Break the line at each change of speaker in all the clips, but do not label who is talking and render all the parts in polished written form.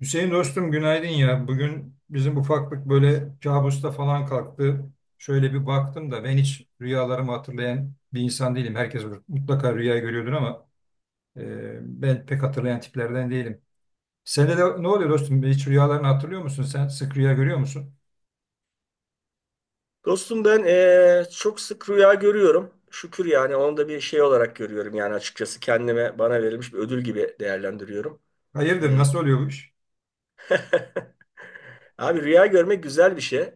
Hüseyin dostum günaydın ya. Bugün bizim ufaklık böyle kabusta falan kalktı. Şöyle bir baktım da ben hiç rüyalarımı hatırlayan bir insan değilim. Herkes mutlaka rüya görüyordur ama ben pek hatırlayan tiplerden değilim. Sende de ne oluyor dostum? Hiç rüyalarını hatırlıyor musun sen? Sık rüya görüyor musun?
Dostum ben çok sık rüya görüyorum. Şükür, yani onu da bir şey olarak görüyorum, yani açıkçası kendime bana verilmiş bir ödül gibi değerlendiriyorum.
Hayırdır nasıl oluyor bu iş?
Abi rüya görmek güzel bir şey.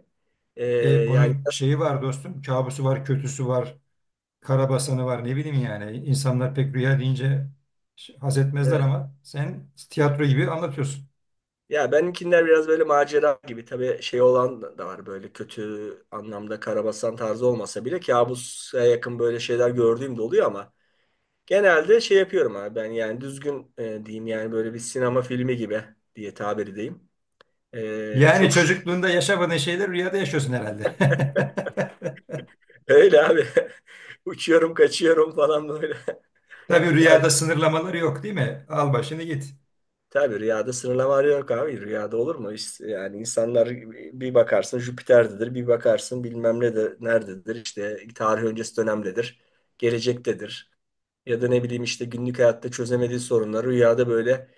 Eee, yani
Bunun
nasıl-
şeyi var dostum. Kabusu var, kötüsü var, karabasanı var ne bileyim yani. İnsanlar pek rüya deyince haz etmezler
evet.
ama sen tiyatro gibi anlatıyorsun.
Ya benimkiler biraz böyle macera gibi, tabii şey olan da var, böyle kötü anlamda karabasan tarzı olmasa bile kabusa yakın böyle şeyler gördüğüm de oluyor ama genelde şey yapıyorum abi ben, yani düzgün diyeyim, yani böyle bir sinema filmi gibi diye tabir edeyim.
Yani
Çok şükür.
çocukluğunda yaşamadığın şeyleri rüyada yaşıyorsun herhalde.
Öyle abi. Uçuyorum, kaçıyorum falan böyle.
Tabii
Ya
rüyada sınırlamalar yok değil mi? Al başını git.
tabii rüyada sınırlama yok abi. Rüyada olur mu? İşte, yani insanlar bir bakarsın Jüpiter'dedir, bir bakarsın bilmem ne de nerededir. İşte tarih öncesi dönemdedir, gelecektedir. Ya da ne bileyim, işte günlük hayatta çözemediği sorunları rüyada böyle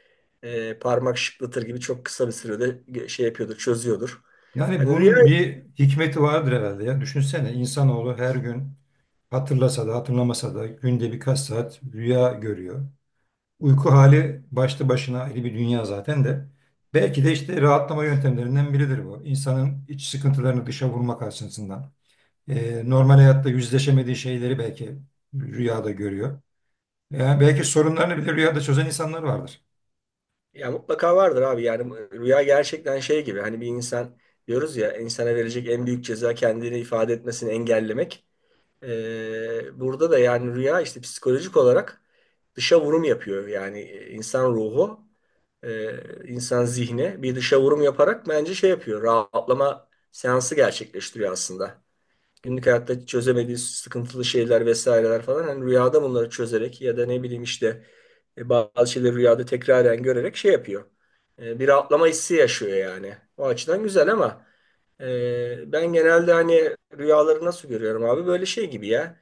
parmak şıklatır gibi çok kısa bir sürede şey yapıyordur, çözüyordur.
Yani
Hani rüya
bunun bir hikmeti vardır herhalde ya. Düşünsene insanoğlu her gün hatırlasa da hatırlamasa da günde birkaç saat rüya görüyor. Uyku hali başlı başına ayrı bir dünya zaten de. Belki de işte rahatlama yöntemlerinden biridir bu. İnsanın iç sıkıntılarını dışa vurmak açısından. Normal hayatta yüzleşemediği şeyleri belki rüyada görüyor. Yani belki sorunlarını bile rüyada çözen insanlar vardır.
Ya mutlaka vardır abi, yani rüya gerçekten şey gibi, hani bir insan diyoruz ya, insana verecek en büyük ceza kendini ifade etmesini engellemek. Burada da yani rüya işte psikolojik olarak dışa vurum yapıyor, yani insan ruhu, insan zihni bir dışa vurum yaparak bence şey yapıyor, rahatlama seansı gerçekleştiriyor aslında. Günlük hayatta çözemediği sıkıntılı şeyler vesaireler falan, hani rüyada bunları çözerek ya da ne bileyim, işte bazı şeyleri rüyada tekraren görerek şey yapıyor. Bir rahatlama hissi yaşıyor yani. O açıdan güzel ama ben genelde hani rüyaları nasıl görüyorum abi? Böyle şey gibi ya.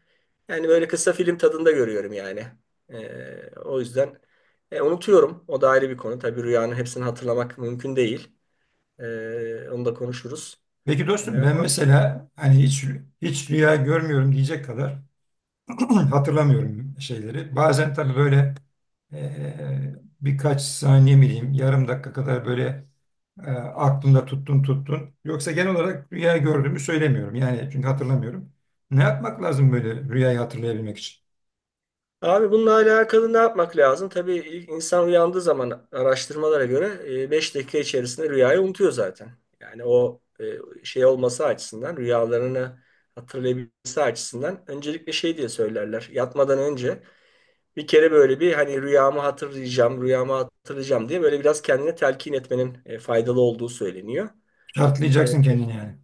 Yani böyle kısa film tadında görüyorum yani. O yüzden unutuyorum. O da ayrı bir konu. Tabii rüyanın hepsini hatırlamak mümkün değil. Onu da konuşuruz.
Peki
E,
dostum ben mesela hani hiç rüya görmüyorum diyecek kadar hatırlamıyorum şeyleri. Bazen tabii böyle e, birkaç saniye mi diyeyim yarım dakika kadar böyle aklımda tuttun. Yoksa genel olarak rüya gördüğümü söylemiyorum. Yani çünkü hatırlamıyorum. Ne yapmak lazım böyle rüyayı hatırlayabilmek için?
Abi bununla alakalı ne yapmak lazım? Tabii ilk insan uyandığı zaman, araştırmalara göre 5 dakika içerisinde rüyayı unutuyor zaten. Yani o şey olması açısından, rüyalarını hatırlayabilmesi açısından, öncelikle şey diye söylerler. Yatmadan önce bir kere böyle bir, hani rüyamı hatırlayacağım, rüyamı hatırlayacağım diye böyle biraz kendine telkin etmenin faydalı olduğu söyleniyor. E,
Şartlayacaksın kendini yani.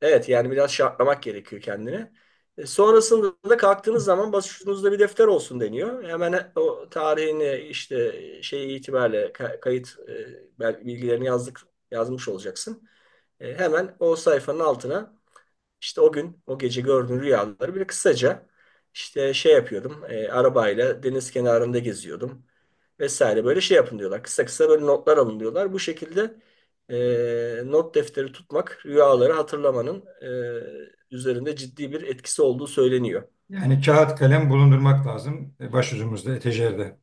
Evet, yani biraz şartlamak gerekiyor kendini. Sonrasında da kalktığınız zaman başucunuzda bir defter olsun deniyor. Hemen o tarihini, işte şey itibariyle kayıt bilgilerini yazmış olacaksın. Hemen o sayfanın altına işte o gün, o gece gördüğün rüyaları böyle kısaca, işte şey yapıyordum, arabayla deniz kenarında geziyordum vesaire böyle şey yapın diyorlar. Kısa kısa böyle notlar alın diyorlar. Bu şekilde not defteri tutmak, rüyaları hatırlamanın üzerinde ciddi bir etkisi olduğu söyleniyor.
Yani kağıt kalem bulundurmak lazım başucumuzda, etejerde.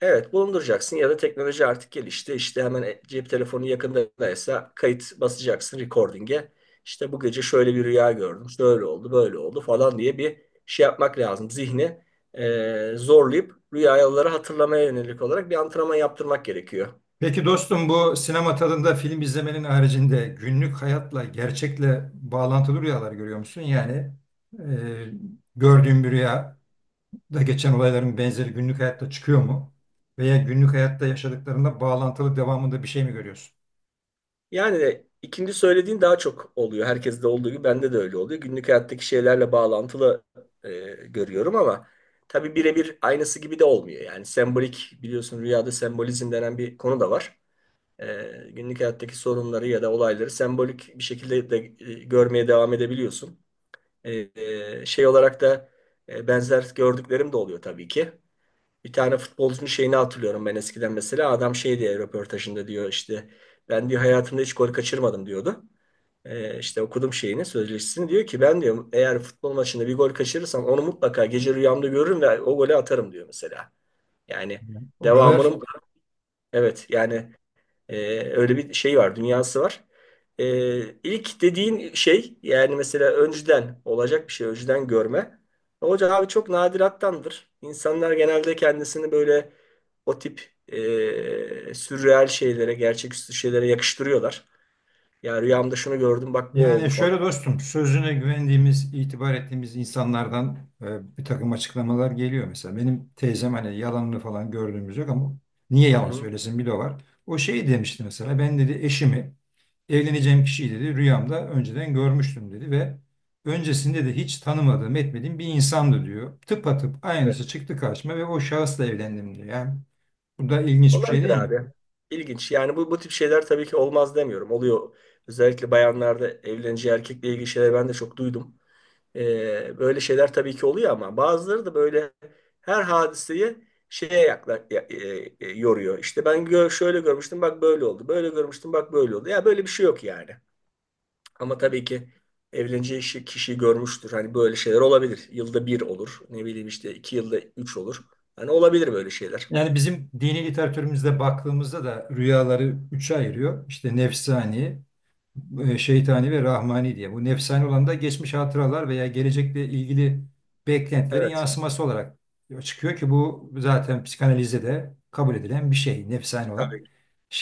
Evet, bulunduracaksın ya da teknoloji artık gelişti. İşte hemen cep telefonu yakındaysa kayıt basacaksın recording'e. İşte bu gece şöyle bir rüya gördüm. Şöyle oldu, böyle oldu falan diye bir şey yapmak lazım. Zihni zorlayıp rüyaları hatırlamaya yönelik olarak bir antrenman yaptırmak gerekiyor.
Peki dostum bu sinema tadında film izlemenin haricinde günlük hayatla, gerçekle bağlantılı rüyalar görüyor musun? Yani e, gördüğün bir rüyada geçen olayların benzeri günlük hayatta çıkıyor mu? Veya günlük hayatta yaşadıklarında bağlantılı devamında bir şey mi görüyorsun?
Yani ikinci söylediğin daha çok oluyor. Herkeste olduğu gibi bende de öyle oluyor. Günlük hayattaki şeylerle bağlantılı e, görüyorum ama tabii birebir aynısı gibi de olmuyor. Yani sembolik, biliyorsun rüyada sembolizm denen bir konu da var. E, Günlük hayattaki sorunları ya da olayları sembolik bir şekilde de görmeye devam edebiliyorsun. E, Şey olarak da benzer gördüklerim de oluyor tabii ki. Bir tane futbolcunun şeyini hatırlıyorum ben, eskiden mesela. Adam şey diye röportajında diyor, işte ben diyor hayatımda hiç gol kaçırmadım diyordu. İşte okudum şeyini, sözleşmesini, diyor ki ben diyor, eğer futbol maçında bir gol kaçırırsam onu mutlaka gece rüyamda görürüm ve o golü atarım diyor mesela. Yani
Yani o kadar.
devamının evet, yani ee, öyle bir şey var, dünyası var. İlk dediğin şey, yani mesela önceden olacak bir şey, önceden görme. Hocam abi çok nadirattandır. İnsanlar genelde kendisini böyle o tip sürreal şeylere, gerçeküstü şeylere yakıştırıyorlar. Ya rüyamda şunu gördüm bak bu oldu
Yani
falan.
şöyle dostum, sözüne güvendiğimiz, itibar ettiğimiz insanlardan bir takım açıklamalar geliyor. Mesela benim teyzem hani yalanını falan gördüğümüz yok ama niye
Hı
yalan
hı.
söylesin bir de o var. O şey demişti mesela, ben dedi eşimi, evleneceğim kişiyi dedi rüyamda önceden görmüştüm dedi ve öncesinde de hiç tanımadığım, etmediğim bir insandı diyor. Tıpatıp aynısı
Evet.
çıktı karşıma ve o şahısla evlendim diyor. Yani bu da ilginç bir şey
Olabilir
değil mi?
abi. İlginç. Yani bu tip şeyler tabii ki olmaz demiyorum. Oluyor. Özellikle bayanlarda evleneceği erkekle ilgili şeyler ben de çok duydum. Böyle şeyler tabii ki oluyor ama bazıları da böyle her hadiseyi şeye yakla, ya- e, e, yoruyor. İşte ben şöyle görmüştüm bak böyle oldu. Böyle görmüştüm bak böyle oldu. Ya böyle bir şey yok yani. Ama tabii ki evleneceği kişiyi görmüştür. Hani böyle şeyler olabilir. Yılda bir olur. Ne bileyim, işte 2 yılda üç olur. Hani olabilir böyle şeyler.
Yani bizim dini literatürümüzde baktığımızda da rüyaları üçe ayırıyor. İşte nefsani, şeytani ve rahmani diye. Bu nefsani olan da geçmiş hatıralar veya gelecekle ilgili beklentilerin
Evet,
yansıması olarak çıkıyor ki bu zaten psikanalizde de kabul edilen bir şey nefsani olan.
tabii.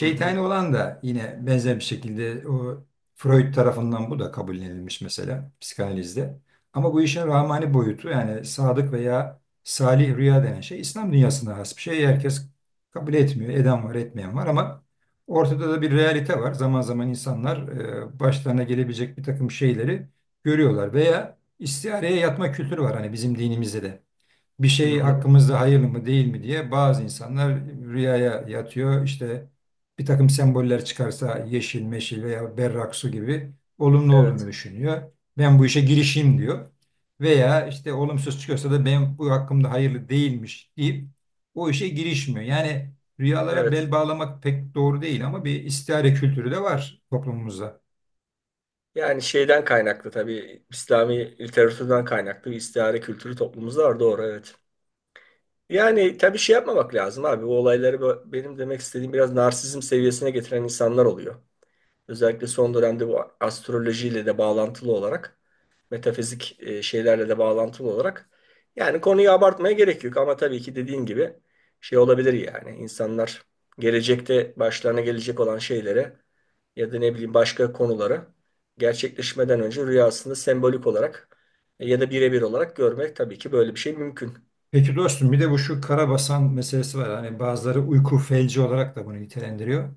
Hı hı.
olan da yine benzer bir şekilde o Freud tarafından bu da kabullenilmiş mesela psikanalizde. Ama bu işin rahmani boyutu yani sadık veya salih rüya denen şey İslam dünyasına has bir şey. Herkes kabul etmiyor. Eden var, etmeyen var ama ortada da bir realite var. Zaman zaman insanlar başlarına gelebilecek bir takım şeyleri görüyorlar veya istihareye yatma kültürü var hani bizim dinimizde de bir
Hı
şey
hı.
hakkımızda hayırlı mı değil mi diye bazı insanlar rüyaya yatıyor. İşte bir takım semboller çıkarsa yeşil, meşil veya berrak su gibi olumlu
Evet.
olduğunu düşünüyor. Ben bu işe girişeyim diyor. Veya işte olumsuz çıkıyorsa da ben bu hakkımda hayırlı değilmiş deyip o işe girişmiyor. Yani rüyalara
Evet.
bel bağlamak pek doğru değil ama bir istihare kültürü de var toplumumuzda.
Yani şeyden kaynaklı, tabii İslami literatürden kaynaklı bir istihare kültürü toplumumuzda var, doğru, evet. Yani tabii şey yapmamak lazım abi. Bu olayları benim demek istediğim, biraz narsizm seviyesine getiren insanlar oluyor. Özellikle son dönemde bu astrolojiyle de bağlantılı olarak, metafizik şeylerle de bağlantılı olarak. Yani konuyu abartmaya gerek yok ama tabii ki dediğin gibi şey olabilir yani. İnsanlar gelecekte başlarına gelecek olan şeylere ya da ne bileyim başka konuları, gerçekleşmeden önce rüyasında sembolik olarak ya da birebir olarak görmek, tabii ki böyle bir şey mümkün.
Peki dostum bir de bu şu karabasan meselesi var. Hani bazıları uyku felci olarak da bunu nitelendiriyor.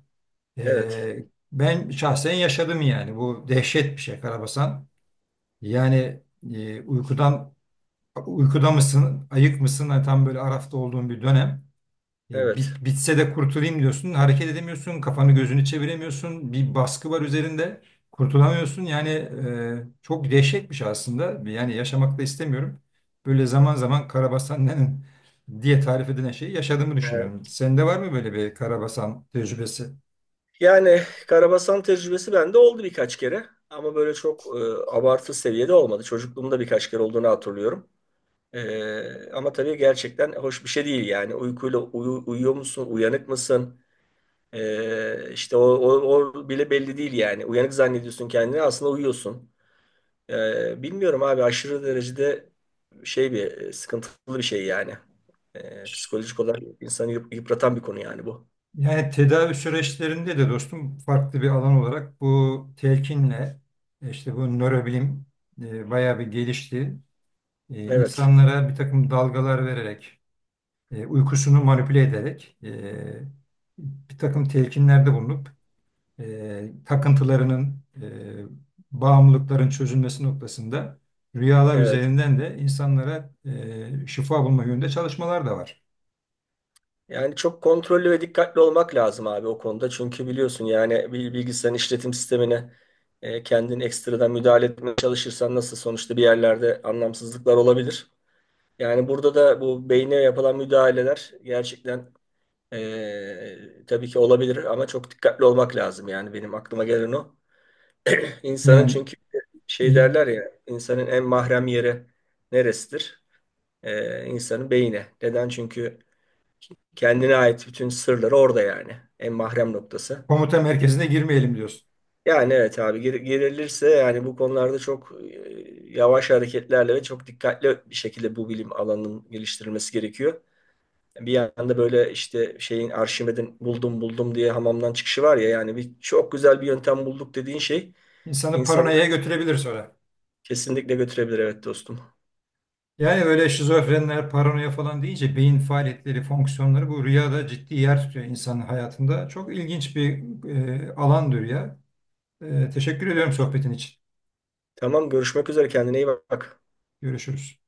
Evet,
Ee, ben şahsen yaşadım yani. Bu dehşet bir şey karabasan. Yani e, uykudan uykuda mısın, ayık mısın? Hani tam böyle arafta olduğun bir dönem.
evet.
Bitse de kurtulayım diyorsun. Hareket edemiyorsun. Kafanı gözünü çeviremiyorsun. Bir baskı var üzerinde. Kurtulamıyorsun. Yani çok dehşetmiş aslında. Yani yaşamak da istemiyorum. Böyle zaman zaman karabasan nenin diye tarif edilen şeyi yaşadığımı düşünüyorum.
Ee,
Sende var mı böyle bir karabasan tecrübesi?
Yani karabasan tecrübesi bende oldu birkaç kere. Ama böyle çok abartı seviyede olmadı. Çocukluğumda birkaç kere olduğunu hatırlıyorum. Ama tabii gerçekten hoş bir şey değil yani. Uykuyla uyuyor musun, uyanık mısın? İşte o bile belli değil yani. Uyanık zannediyorsun kendini, aslında uyuyorsun. Bilmiyorum abi, aşırı derecede şey bir sıkıntılı bir şey yani. Psikolojik olarak insanı yıpratan bir konu yani bu.
Yani tedavi süreçlerinde de dostum farklı bir alan olarak bu telkinle işte bu nörobilim bayağı bir gelişti.
Evet.
İnsanlara bir takım dalgalar vererek, uykusunu manipüle ederek bir takım telkinlerde bulunup takıntılarının, bağımlılıkların çözülmesi noktasında rüyalar
Evet.
üzerinden de insanlara şifa bulma yönünde çalışmalar da var.
Yani çok kontrollü ve dikkatli olmak lazım abi o konuda. Çünkü biliyorsun, yani bir bilgisayarın işletim sistemine kendin ekstradan müdahale etmeye çalışırsan, nasıl sonuçta bir yerlerde anlamsızlıklar olabilir. Yani burada da bu beyne yapılan müdahaleler gerçekten tabii ki olabilir ama çok dikkatli olmak lazım. Yani benim aklıma gelen o. İnsanın
Yani
çünkü şey
i-
derler ya, insanın en mahrem yeri neresidir? İnsanın beyni. Neden? Çünkü kendine ait bütün sırları orada yani. En mahrem noktası.
Komuta merkezine girmeyelim diyorsun.
Yani evet abi, girilirse yani bu konularda çok yavaş hareketlerle ve çok dikkatli bir şekilde bu bilim alanının geliştirilmesi gerekiyor. Bir yanda böyle işte şeyin, Arşimed'in buldum buldum diye hamamdan çıkışı var ya, yani bir çok güzel bir yöntem bulduk dediğin şey
İnsanı
insanları
paranoyaya götürebilir sonra.
kesinlikle götürebilir, evet dostum.
Yani böyle şizofrenler, paranoya falan deyince beyin faaliyetleri, fonksiyonları bu rüyada ciddi yer tutuyor insanın hayatında. Çok ilginç bir alandır ya. Teşekkür ediyorum sohbetin için.
Tamam, görüşmek üzere, kendine iyi bak.
Görüşürüz.